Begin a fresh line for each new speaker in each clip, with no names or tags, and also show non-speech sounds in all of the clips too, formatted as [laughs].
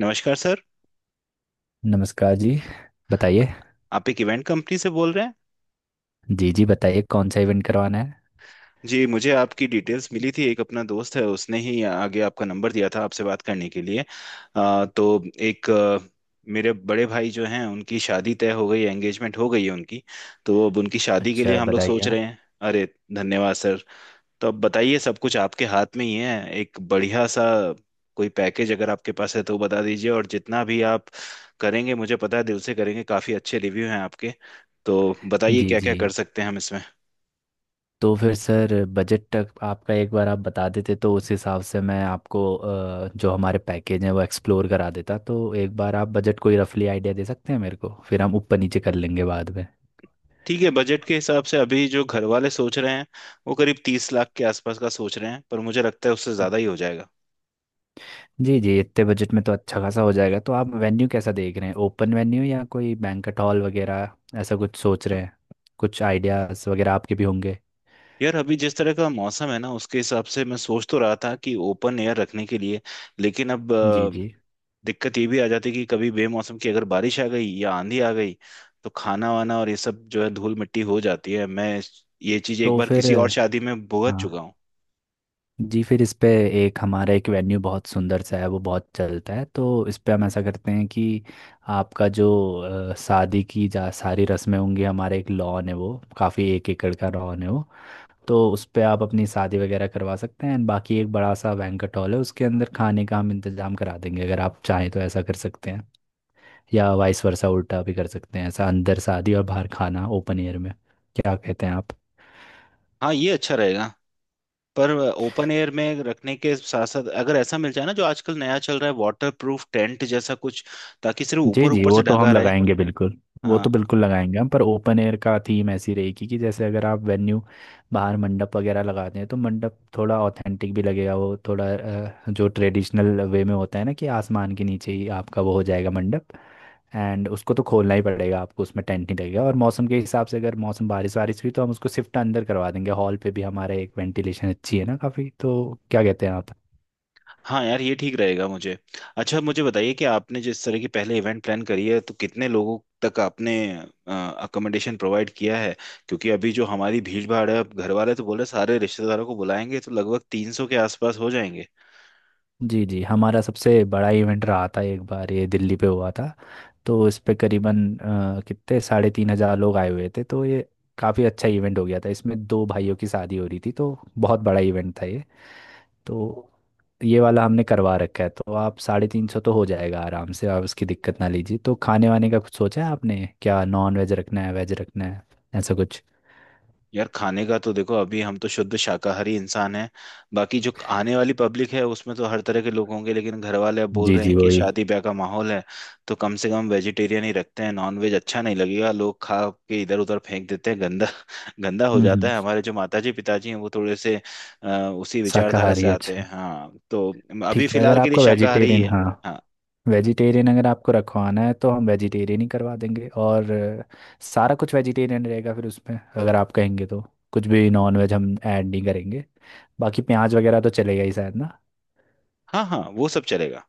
नमस्कार सर।
नमस्कार जी। बताइए।
आप एक इवेंट कंपनी से बोल रहे हैं।
जी जी, बताइए कौन सा इवेंट करवाना है।
जी, मुझे आपकी डिटेल्स मिली थी। एक अपना दोस्त है, उसने ही आगे आपका नंबर दिया था आपसे बात करने के लिए। तो एक मेरे बड़े भाई जो हैं उनकी शादी तय हो गई है, एंगेजमेंट हो गई है उनकी। तो अब उनकी शादी के लिए
अच्छा,
हम लोग
बताइए
सोच रहे
आप।
हैं। अरे, धन्यवाद सर। तो अब बताइए, सब कुछ आपके हाथ में ही है। एक बढ़िया सा कोई पैकेज अगर आपके पास है तो वो बता दीजिए, और जितना भी आप करेंगे मुझे पता है दिल से करेंगे, काफी अच्छे रिव्यू हैं आपके। तो बताइए
जी
क्या
जी।
क्या कर सकते हैं हम इसमें।
तो फिर सर बजट तक आपका एक बार आप बता देते तो उस हिसाब से मैं आपको जो हमारे पैकेज हैं वो एक्सप्लोर करा देता। तो एक बार आप बजट कोई रफली आइडिया दे सकते हैं मेरे को, फिर हम ऊपर नीचे कर लेंगे बाद में।
ठीक है। बजट के हिसाब से अभी जो घर वाले सोच रहे हैं वो करीब 30 लाख के आसपास का सोच रहे हैं, पर मुझे लगता है उससे ज्यादा ही हो जाएगा।
जी जी, इतने बजट में तो अच्छा खासा हो जाएगा। तो आप वेन्यू कैसा देख रहे हैं, ओपन वेन्यू या कोई बैंक्वेट हॉल वगैरह ऐसा कुछ सोच रहे हैं? कुछ आइडियाज़ वगैरह आपके भी होंगे।
यार, अभी जिस तरह का मौसम है ना, उसके हिसाब से मैं सोच तो रहा था कि ओपन एयर रखने के लिए, लेकिन अब
जी जी।
दिक्कत ये भी आ जाती कि कभी बेमौसम की अगर बारिश आ गई या आंधी आ गई तो खाना वाना और ये सब जो है धूल मिट्टी हो जाती है। मैं ये चीज एक
तो
बार
फिर
किसी और शादी में भुगत
हाँ,
चुका हूँ।
जी, फिर इस पे एक हमारा एक वेन्यू बहुत सुंदर सा है, वो बहुत चलता है। तो इस पे हम ऐसा करते हैं कि आपका जो शादी की जा सारी रस्में होंगी, हमारा एक लॉन है वो, काफ़ी 1 एकड़ का लॉन है वो। तो उस पे आप अपनी शादी वगैरह करवा सकते हैं, एंड बाकी एक बड़ा सा बैंक्वेट हॉल है, उसके अंदर खाने का हम इंतज़ाम करा देंगे अगर आप चाहें तो। ऐसा कर सकते हैं या वाइस वर्सा उल्टा भी कर सकते हैं, ऐसा अंदर शादी और बाहर खाना ओपन एयर में। क्या कहते हैं आप?
हाँ, ये अच्छा रहेगा। पर ओपन एयर में रखने के साथ साथ अगर ऐसा मिल जाए ना, जो आजकल नया चल रहा है, वाटर प्रूफ टेंट जैसा कुछ, ताकि सिर्फ
जी
ऊपर
जी,
ऊपर
वो
से
तो
ढका
हम
रहे।
लगाएंगे बिल्कुल। वो तो
हाँ,
बिल्कुल लगाएंगे हम, पर ओपन एयर का थीम ऐसी रहेगी कि जैसे अगर आप वेन्यू बाहर मंडप वगैरह लगा दें तो मंडप थोड़ा ऑथेंटिक भी लगेगा, वो थोड़ा जो ट्रेडिशनल वे में होता है ना, कि आसमान के नीचे ही आपका वो हो जाएगा मंडप। एंड उसको तो खोलना ही पड़ेगा आपको, उसमें टेंट नहीं लगेगा, और मौसम के हिसाब से अगर मौसम बारिश वारिश हुई तो हम उसको शिफ्ट अंदर करवा देंगे, हॉल पे भी हमारा एक वेंटिलेशन अच्छी है ना काफ़ी। तो क्या कहते हैं आप?
हाँ, यार, ये ठीक रहेगा मुझे। अच्छा, मुझे बताइए कि आपने जिस तरह की पहले इवेंट प्लान करी है तो कितने लोगों तक आपने अकोमोडेशन प्रोवाइड किया है? क्योंकि अभी जो हमारी भीड़ भाड़ है, अब घर वाले तो बोले सारे रिश्तेदारों को बुलाएंगे तो लगभग 300 के आसपास हो जाएंगे।
जी जी, हमारा सबसे बड़ा इवेंट रहा था एक बार, ये दिल्ली पे हुआ था। तो इस पे करीबन कितने 3,500 लोग आए हुए थे, तो ये काफ़ी अच्छा इवेंट हो गया था। इसमें दो भाइयों की शादी हो रही थी, तो बहुत बड़ा इवेंट था ये। तो ये वाला हमने करवा रखा है, तो आप 350 तो हो जाएगा आराम से, आप उसकी दिक्कत ना लीजिए। तो खाने वाने का कुछ सोचा है आपने, क्या नॉन वेज रखना है, वेज रखना है, ऐसा कुछ?
यार, खाने का तो देखो, अभी हम तो शुद्ध शाकाहारी इंसान हैं। बाकी जो आने वाली पब्लिक है उसमें तो हर तरह के लोग होंगे, लेकिन घर वाले अब बोल
जी
रहे हैं
जी,
कि
वही।
शादी ब्याह का माहौल है, तो कम से कम वेजिटेरियन ही रखते हैं। नॉन वेज अच्छा नहीं लगेगा, लोग खा के इधर उधर फेंक देते हैं, गंदा [laughs] गंदा हो
हम्म,
जाता
हम्म।
है। हमारे जो माताजी पिताजी हैं वो थोड़े से अ, उसी विचारधारा से
शाकाहारी,
आते
अच्छा।
हैं। हाँ, तो अभी
ठीक है, अगर
फिलहाल के लिए
आपका
शाकाहारी ही
वेजिटेरियन,
है।
हाँ,
हाँ,
वेजिटेरियन अगर आपको रखवाना है तो हम वेजिटेरियन ही करवा देंगे। और सारा कुछ वेजिटेरियन रहेगा, फिर उसमें अगर आप कहेंगे तो कुछ भी नॉन वेज हम ऐड नहीं करेंगे। बाकी प्याज वगैरह तो चलेगा ही शायद ना।
हाँ, हाँ, वो सब चलेगा।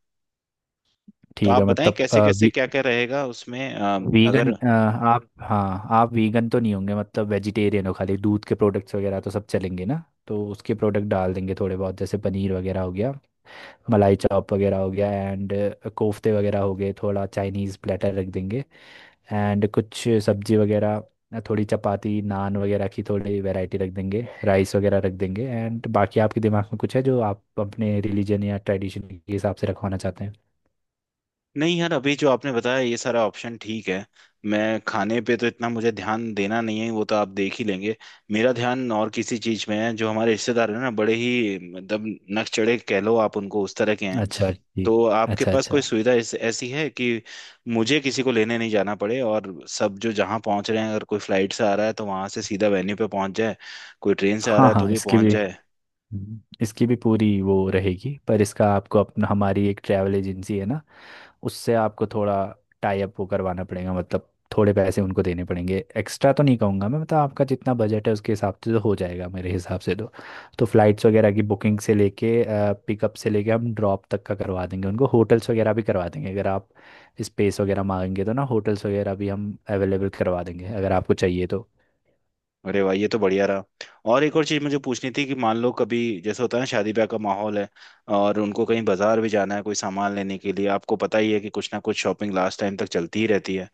तो
ठीक
आप
है,
बताएं
मतलब
कैसे कैसे क्या क्या रहेगा उसमें। अ,
वीगन,
अगर
आप, हाँ, आप वीगन तो नहीं होंगे, मतलब वेजिटेरियन हो, खाली दूध के प्रोडक्ट्स वगैरह तो सब चलेंगे ना। तो उसके प्रोडक्ट डाल देंगे थोड़े बहुत, जैसे पनीर वगैरह हो गया, मलाई चाप वगैरह हो गया, एंड कोफ्ते वगैरह हो गए, थोड़ा चाइनीज़ प्लेटर रख देंगे, एंड कुछ सब्जी वगैरह, थोड़ी चपाती नान वगैरह की थोड़ी वैरायटी रख देंगे, राइस वगैरह रख देंगे। एंड बाकी आपके दिमाग में कुछ है जो आप अपने रिलीजन या ट्रेडिशन के हिसाब से रखवाना चाहते हैं?
नहीं यार, अभी जो आपने बताया ये सारा ऑप्शन ठीक है। मैं खाने पे तो इतना मुझे ध्यान देना नहीं है, वो तो आप देख ही लेंगे। मेरा ध्यान और किसी चीज में है। जो हमारे रिश्तेदार हैं ना, बड़े ही मतलब नकचढ़े कह लो आप, उनको, उस तरह के हैं।
अच्छा जी।
तो आपके
अच्छा
पास
अच्छा।
कोई सुविधा ऐसी है कि मुझे किसी को लेने नहीं जाना पड़े, और सब जो जहाँ पहुंच रहे हैं, अगर कोई फ्लाइट से आ रहा है तो वहां से सीधा वेन्यू पे पहुंच जाए, कोई ट्रेन से आ रहा
हाँ
है तो
हाँ,
भी
इसकी
पहुंच
भी,
जाए।
इसकी भी पूरी वो रहेगी। पर इसका आपको अपना, हमारी एक ट्रैवल एजेंसी है ना, उससे आपको थोड़ा टाई अप वो करवाना पड़ेगा, मतलब थोड़े पैसे उनको देने पड़ेंगे, एक्स्ट्रा तो नहीं कहूँगा मैं, मतलब आपका जितना बजट है उसके हिसाब से तो हो जाएगा मेरे हिसाब से तो। तो फ्लाइट्स वगैरह की बुकिंग से लेके, पिकअप से लेके हम ड्रॉप तक का करवा देंगे उनको, होटल्स वगैरह भी करवा देंगे अगर आप स्पेस वगैरह मांगेंगे तो ना, होटल्स वगैरह भी हम अवेलेबल करवा देंगे अगर आपको चाहिए तो।
अरे भाई, ये तो बढ़िया रहा। और एक और चीज़ मुझे पूछनी थी कि मान लो कभी, जैसे होता है ना, शादी ब्याह का माहौल है और उनको कहीं बाजार भी जाना है कोई सामान लेने के लिए, आपको पता ही है कि कुछ ना कुछ शॉपिंग लास्ट टाइम तक चलती ही रहती है।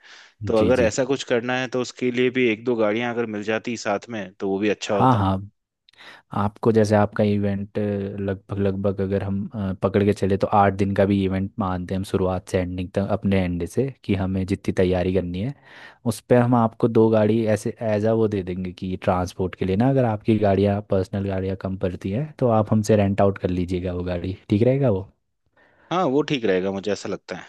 तो
जी
अगर
जी।
ऐसा कुछ करना है तो उसके लिए भी एक दो गाड़ियां अगर मिल जाती साथ में तो वो भी अच्छा
हाँ
होता।
हाँ, आपको जैसे आपका इवेंट लगभग लगभग अगर हम पकड़ के चले तो 8 दिन का भी इवेंट मानते हैं हम, शुरुआत से एंडिंग तक अपने एंड से, कि हमें जितनी तैयारी करनी है उस पर हम आपको दो गाड़ी ऐसे एज आ वो दे देंगे, कि ट्रांसपोर्ट के लिए ना, अगर आपकी गाड़ियाँ पर्सनल गाड़ियाँ कम पड़ती हैं तो आप हमसे रेंट आउट कर लीजिएगा वो गाड़ी, ठीक रहेगा वो।
हाँ, वो ठीक रहेगा, मुझे ऐसा लगता है।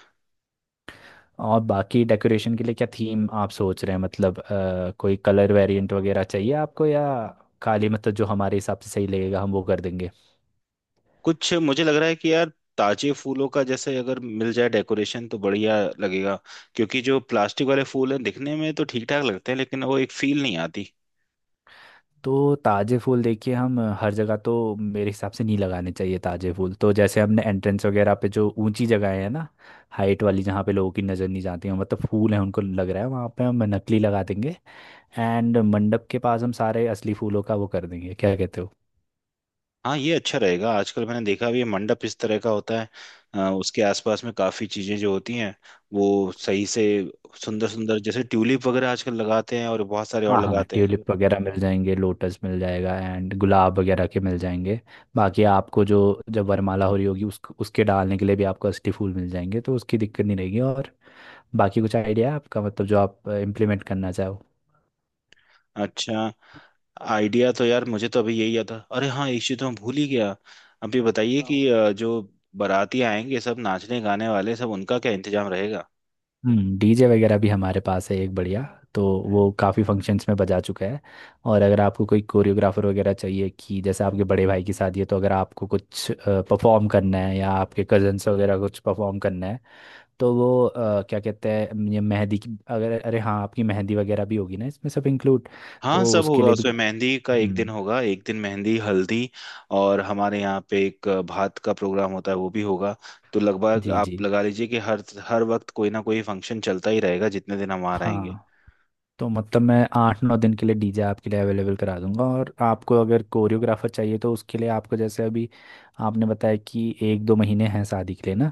और बाकी डेकोरेशन के लिए क्या थीम आप सोच रहे हैं, मतलब कोई कलर वेरिएंट वगैरह चाहिए आपको, या खाली मतलब जो हमारे हिसाब से सही लगेगा हम वो कर देंगे?
कुछ मुझे लग रहा है कि यार ताजे फूलों का, जैसे अगर मिल जाए डेकोरेशन तो बढ़िया लगेगा। क्योंकि जो प्लास्टिक वाले फूल हैं दिखने में तो ठीक ठाक लगते हैं, लेकिन वो एक फील नहीं आती।
तो ताज़े फूल देखिए, हम हर जगह तो मेरे हिसाब से नहीं लगाने चाहिए ताज़े फूल। तो जैसे हमने एंट्रेंस वगैरह पे जो ऊंची जगह है ना, हाइट वाली, जहाँ पे लोगों की नज़र नहीं जाती है, मतलब फूल है उनको लग रहा है, वहाँ पे हम नकली लगा देंगे, एंड मंडप के पास हम सारे असली फूलों का वो कर देंगे। क्या कहते हो?
हाँ, ये अच्छा रहेगा। आजकल मैंने देखा भी है मंडप इस तरह का होता है, उसके आसपास में काफी चीजें जो होती हैं वो सही से, सुंदर सुंदर, जैसे ट्यूलिप वगैरह आजकल लगाते हैं और बहुत सारे और
हाँ हाँ,
लगाते हैं।
ट्यूलिप वगैरह मिल जाएंगे, लोटस मिल जाएगा, एंड गुलाब वगैरह के मिल जाएंगे। बाकी आपको जो, जब वरमाला हो रही होगी उस उसके डालने के लिए भी आपको असली फूल मिल जाएंगे, तो उसकी दिक्कत नहीं रहेगी। और बाकी कुछ आइडिया है आपका, मतलब जो आप इम्प्लीमेंट करना चाहो?
अच्छा, आइडिया तो यार मुझे तो अभी यही आता। अरे हाँ, एक चीज तो मैं भूल ही गया। अभी बताइए
वाओ।
कि जो बाराती आएंगे, सब नाचने गाने वाले, सब उनका क्या इंतजाम रहेगा?
हम्म, डीजे वगैरह भी हमारे पास है एक बढ़िया, तो वो काफ़ी फंक्शंस में बजा चुका है। और अगर आपको कोई कोरियोग्राफर वगैरह चाहिए, कि जैसे आपके बड़े भाई की शादी है, तो अगर आपको कुछ परफॉर्म करना है या आपके कजन्स वगैरह कुछ परफॉर्म करना है तो वो क्या कहते हैं, ये मेहंदी की अगर, अरे हाँ, आपकी मेहंदी वगैरह भी होगी ना, इसमें सब इंक्लूड,
हाँ
तो
सब
उसके
होगा,
लिए भी।
उसमें मेहंदी का एक दिन
हम्म।
होगा, एक दिन मेहंदी हल्दी। और हमारे यहाँ पे एक भात का प्रोग्राम होता है वो भी होगा। तो लगभग
जी जी।
आप लगा लीजिए कि हर हर वक्त कोई ना कोई फंक्शन चलता ही रहेगा जितने दिन हम वहाँ रहेंगे।
हाँ, तो मतलब मैं 8-9 दिन के लिए डीजे आपके लिए अवेलेबल करा दूंगा, और आपको अगर कोरियोग्राफर चाहिए तो उसके लिए आपको, जैसे अभी आपने बताया कि 1-2 महीने हैं शादी के लिए ना,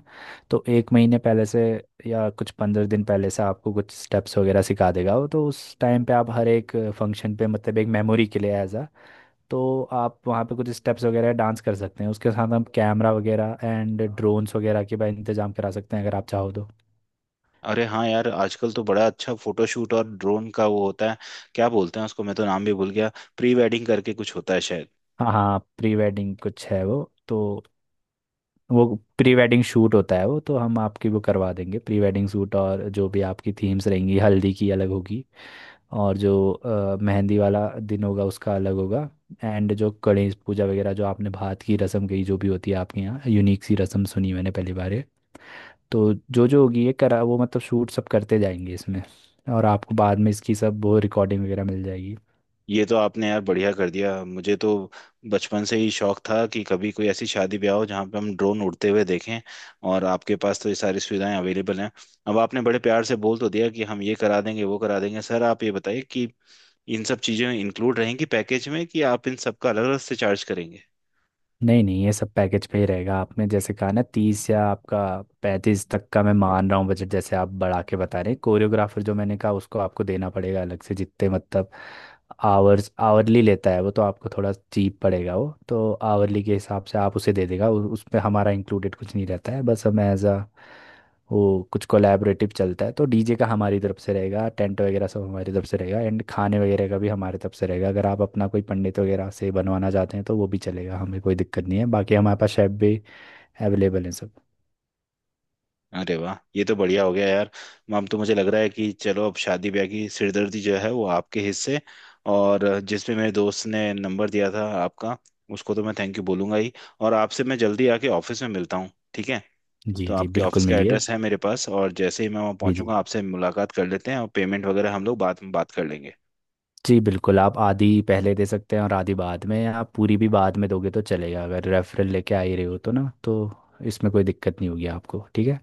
तो 1 महीने पहले से या कुछ 15 दिन पहले से आपको कुछ स्टेप्स वगैरह सिखा देगा वो। तो उस टाइम पे आप हर एक फंक्शन पे, मतलब एक मेमोरी के लिए एज अ, तो आप वहाँ पे कुछ स्टेप्स वगैरह डांस कर सकते हैं, उसके साथ हम कैमरा वगैरह एंड ड्रोन्स वगैरह के भी इंतजाम करा सकते हैं अगर आप चाहो तो।
अरे हाँ यार, आजकल तो बड़ा अच्छा फोटोशूट और ड्रोन का वो होता है। क्या बोलते हैं उसको, मैं तो नाम भी भूल गया। प्री वेडिंग करके कुछ होता है शायद।
हाँ हाँ, प्री वेडिंग कुछ है वो, तो वो प्री वेडिंग शूट होता है, वो तो हम आपकी वो करवा देंगे, प्री वेडिंग शूट। और जो भी आपकी थीम्स रहेंगी, हल्दी की अलग होगी, और जो मेहंदी वाला दिन होगा उसका अलग होगा, एंड जो गणेश पूजा वगैरह, जो आपने भात की रस्म कही, जो भी होती है आपके यहाँ, यूनिक सी रस्म सुनी मैंने पहली बार ये। तो जो जो होगी ये करा वो, मतलब शूट सब करते जाएंगे इसमें, और आपको बाद में इसकी सब वो रिकॉर्डिंग वगैरह मिल जाएगी।
ये तो आपने यार बढ़िया कर दिया, मुझे तो बचपन से ही शौक था कि कभी कोई ऐसी शादी ब्याह हो जहाँ पे हम ड्रोन उड़ते हुए देखें, और आपके पास तो ये सारी सुविधाएं अवेलेबल हैं। अब आपने बड़े प्यार से बोल तो दिया कि हम ये करा देंगे वो करा देंगे, सर आप ये बताइए कि इन सब चीज़ें इंक्लूड रहेंगी पैकेज में कि आप इन सब का अलग अलग से चार्ज करेंगे?
नहीं नहीं, ये सब पैकेज पे ही रहेगा। आपने जैसे कहा ना, 30 या आपका 35 तक का मैं मान रहा हूँ बजट, जैसे आप बढ़ा के बता रहे हैं। कोरियोग्राफर जो मैंने कहा उसको आपको देना पड़ेगा अलग से, जितने मतलब आवर्स आवरली लेता है वो, तो आपको थोड़ा चीप पड़ेगा वो, तो आवरली के हिसाब से आप उसे दे देगा, उसमें हमारा इंक्लूडेड कुछ नहीं रहता है, बस हम एज अ वो कुछ कोलैबोरेटिव चलता है। तो डीजे का हमारी तरफ से रहेगा, टेंट वगैरह सब हमारी तरफ से रहेगा, एंड खाने वगैरह का भी हमारी तरफ से रहेगा। अगर आप अपना कोई पंडित वगैरह से बनवाना चाहते हैं तो वो भी चलेगा, हमें कोई दिक्कत नहीं है, बाकी हमारे पास शेफ भी अवेलेबल हैं सब।
अरे वाह, ये तो बढ़िया हो गया यार। अब तो मुझे लग रहा है कि चलो, अब शादी ब्याह की सिरदर्दी जो है वो आपके हिस्से। और जिसमें मेरे दोस्त ने नंबर दिया था आपका, उसको तो मैं थैंक यू बोलूंगा ही। और आपसे मैं जल्दी आके ऑफिस में मिलता हूँ, ठीक है।
जी
तो
जी,
आपके
बिल्कुल
ऑफिस का
मिलिए।
एड्रेस है मेरे पास, और जैसे ही मैं वहाँ
जी जी।
पहुंचूंगा आपसे मुलाकात कर लेते हैं, और पेमेंट वगैरह हम लोग बाद में बात कर लेंगे।
जी, बिल्कुल, आप आधी पहले दे सकते हैं और आधी बाद में, या आप पूरी भी बाद में दोगे तो चलेगा, अगर रेफरल लेके आ ही रहे हो तो ना, तो इसमें कोई दिक्कत नहीं होगी आपको, ठीक है।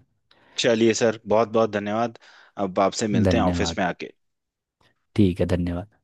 चलिए सर, बहुत बहुत धन्यवाद। अब आपसे मिलते हैं ऑफिस
धन्यवाद।
में आके।
ठीक है, धन्यवाद।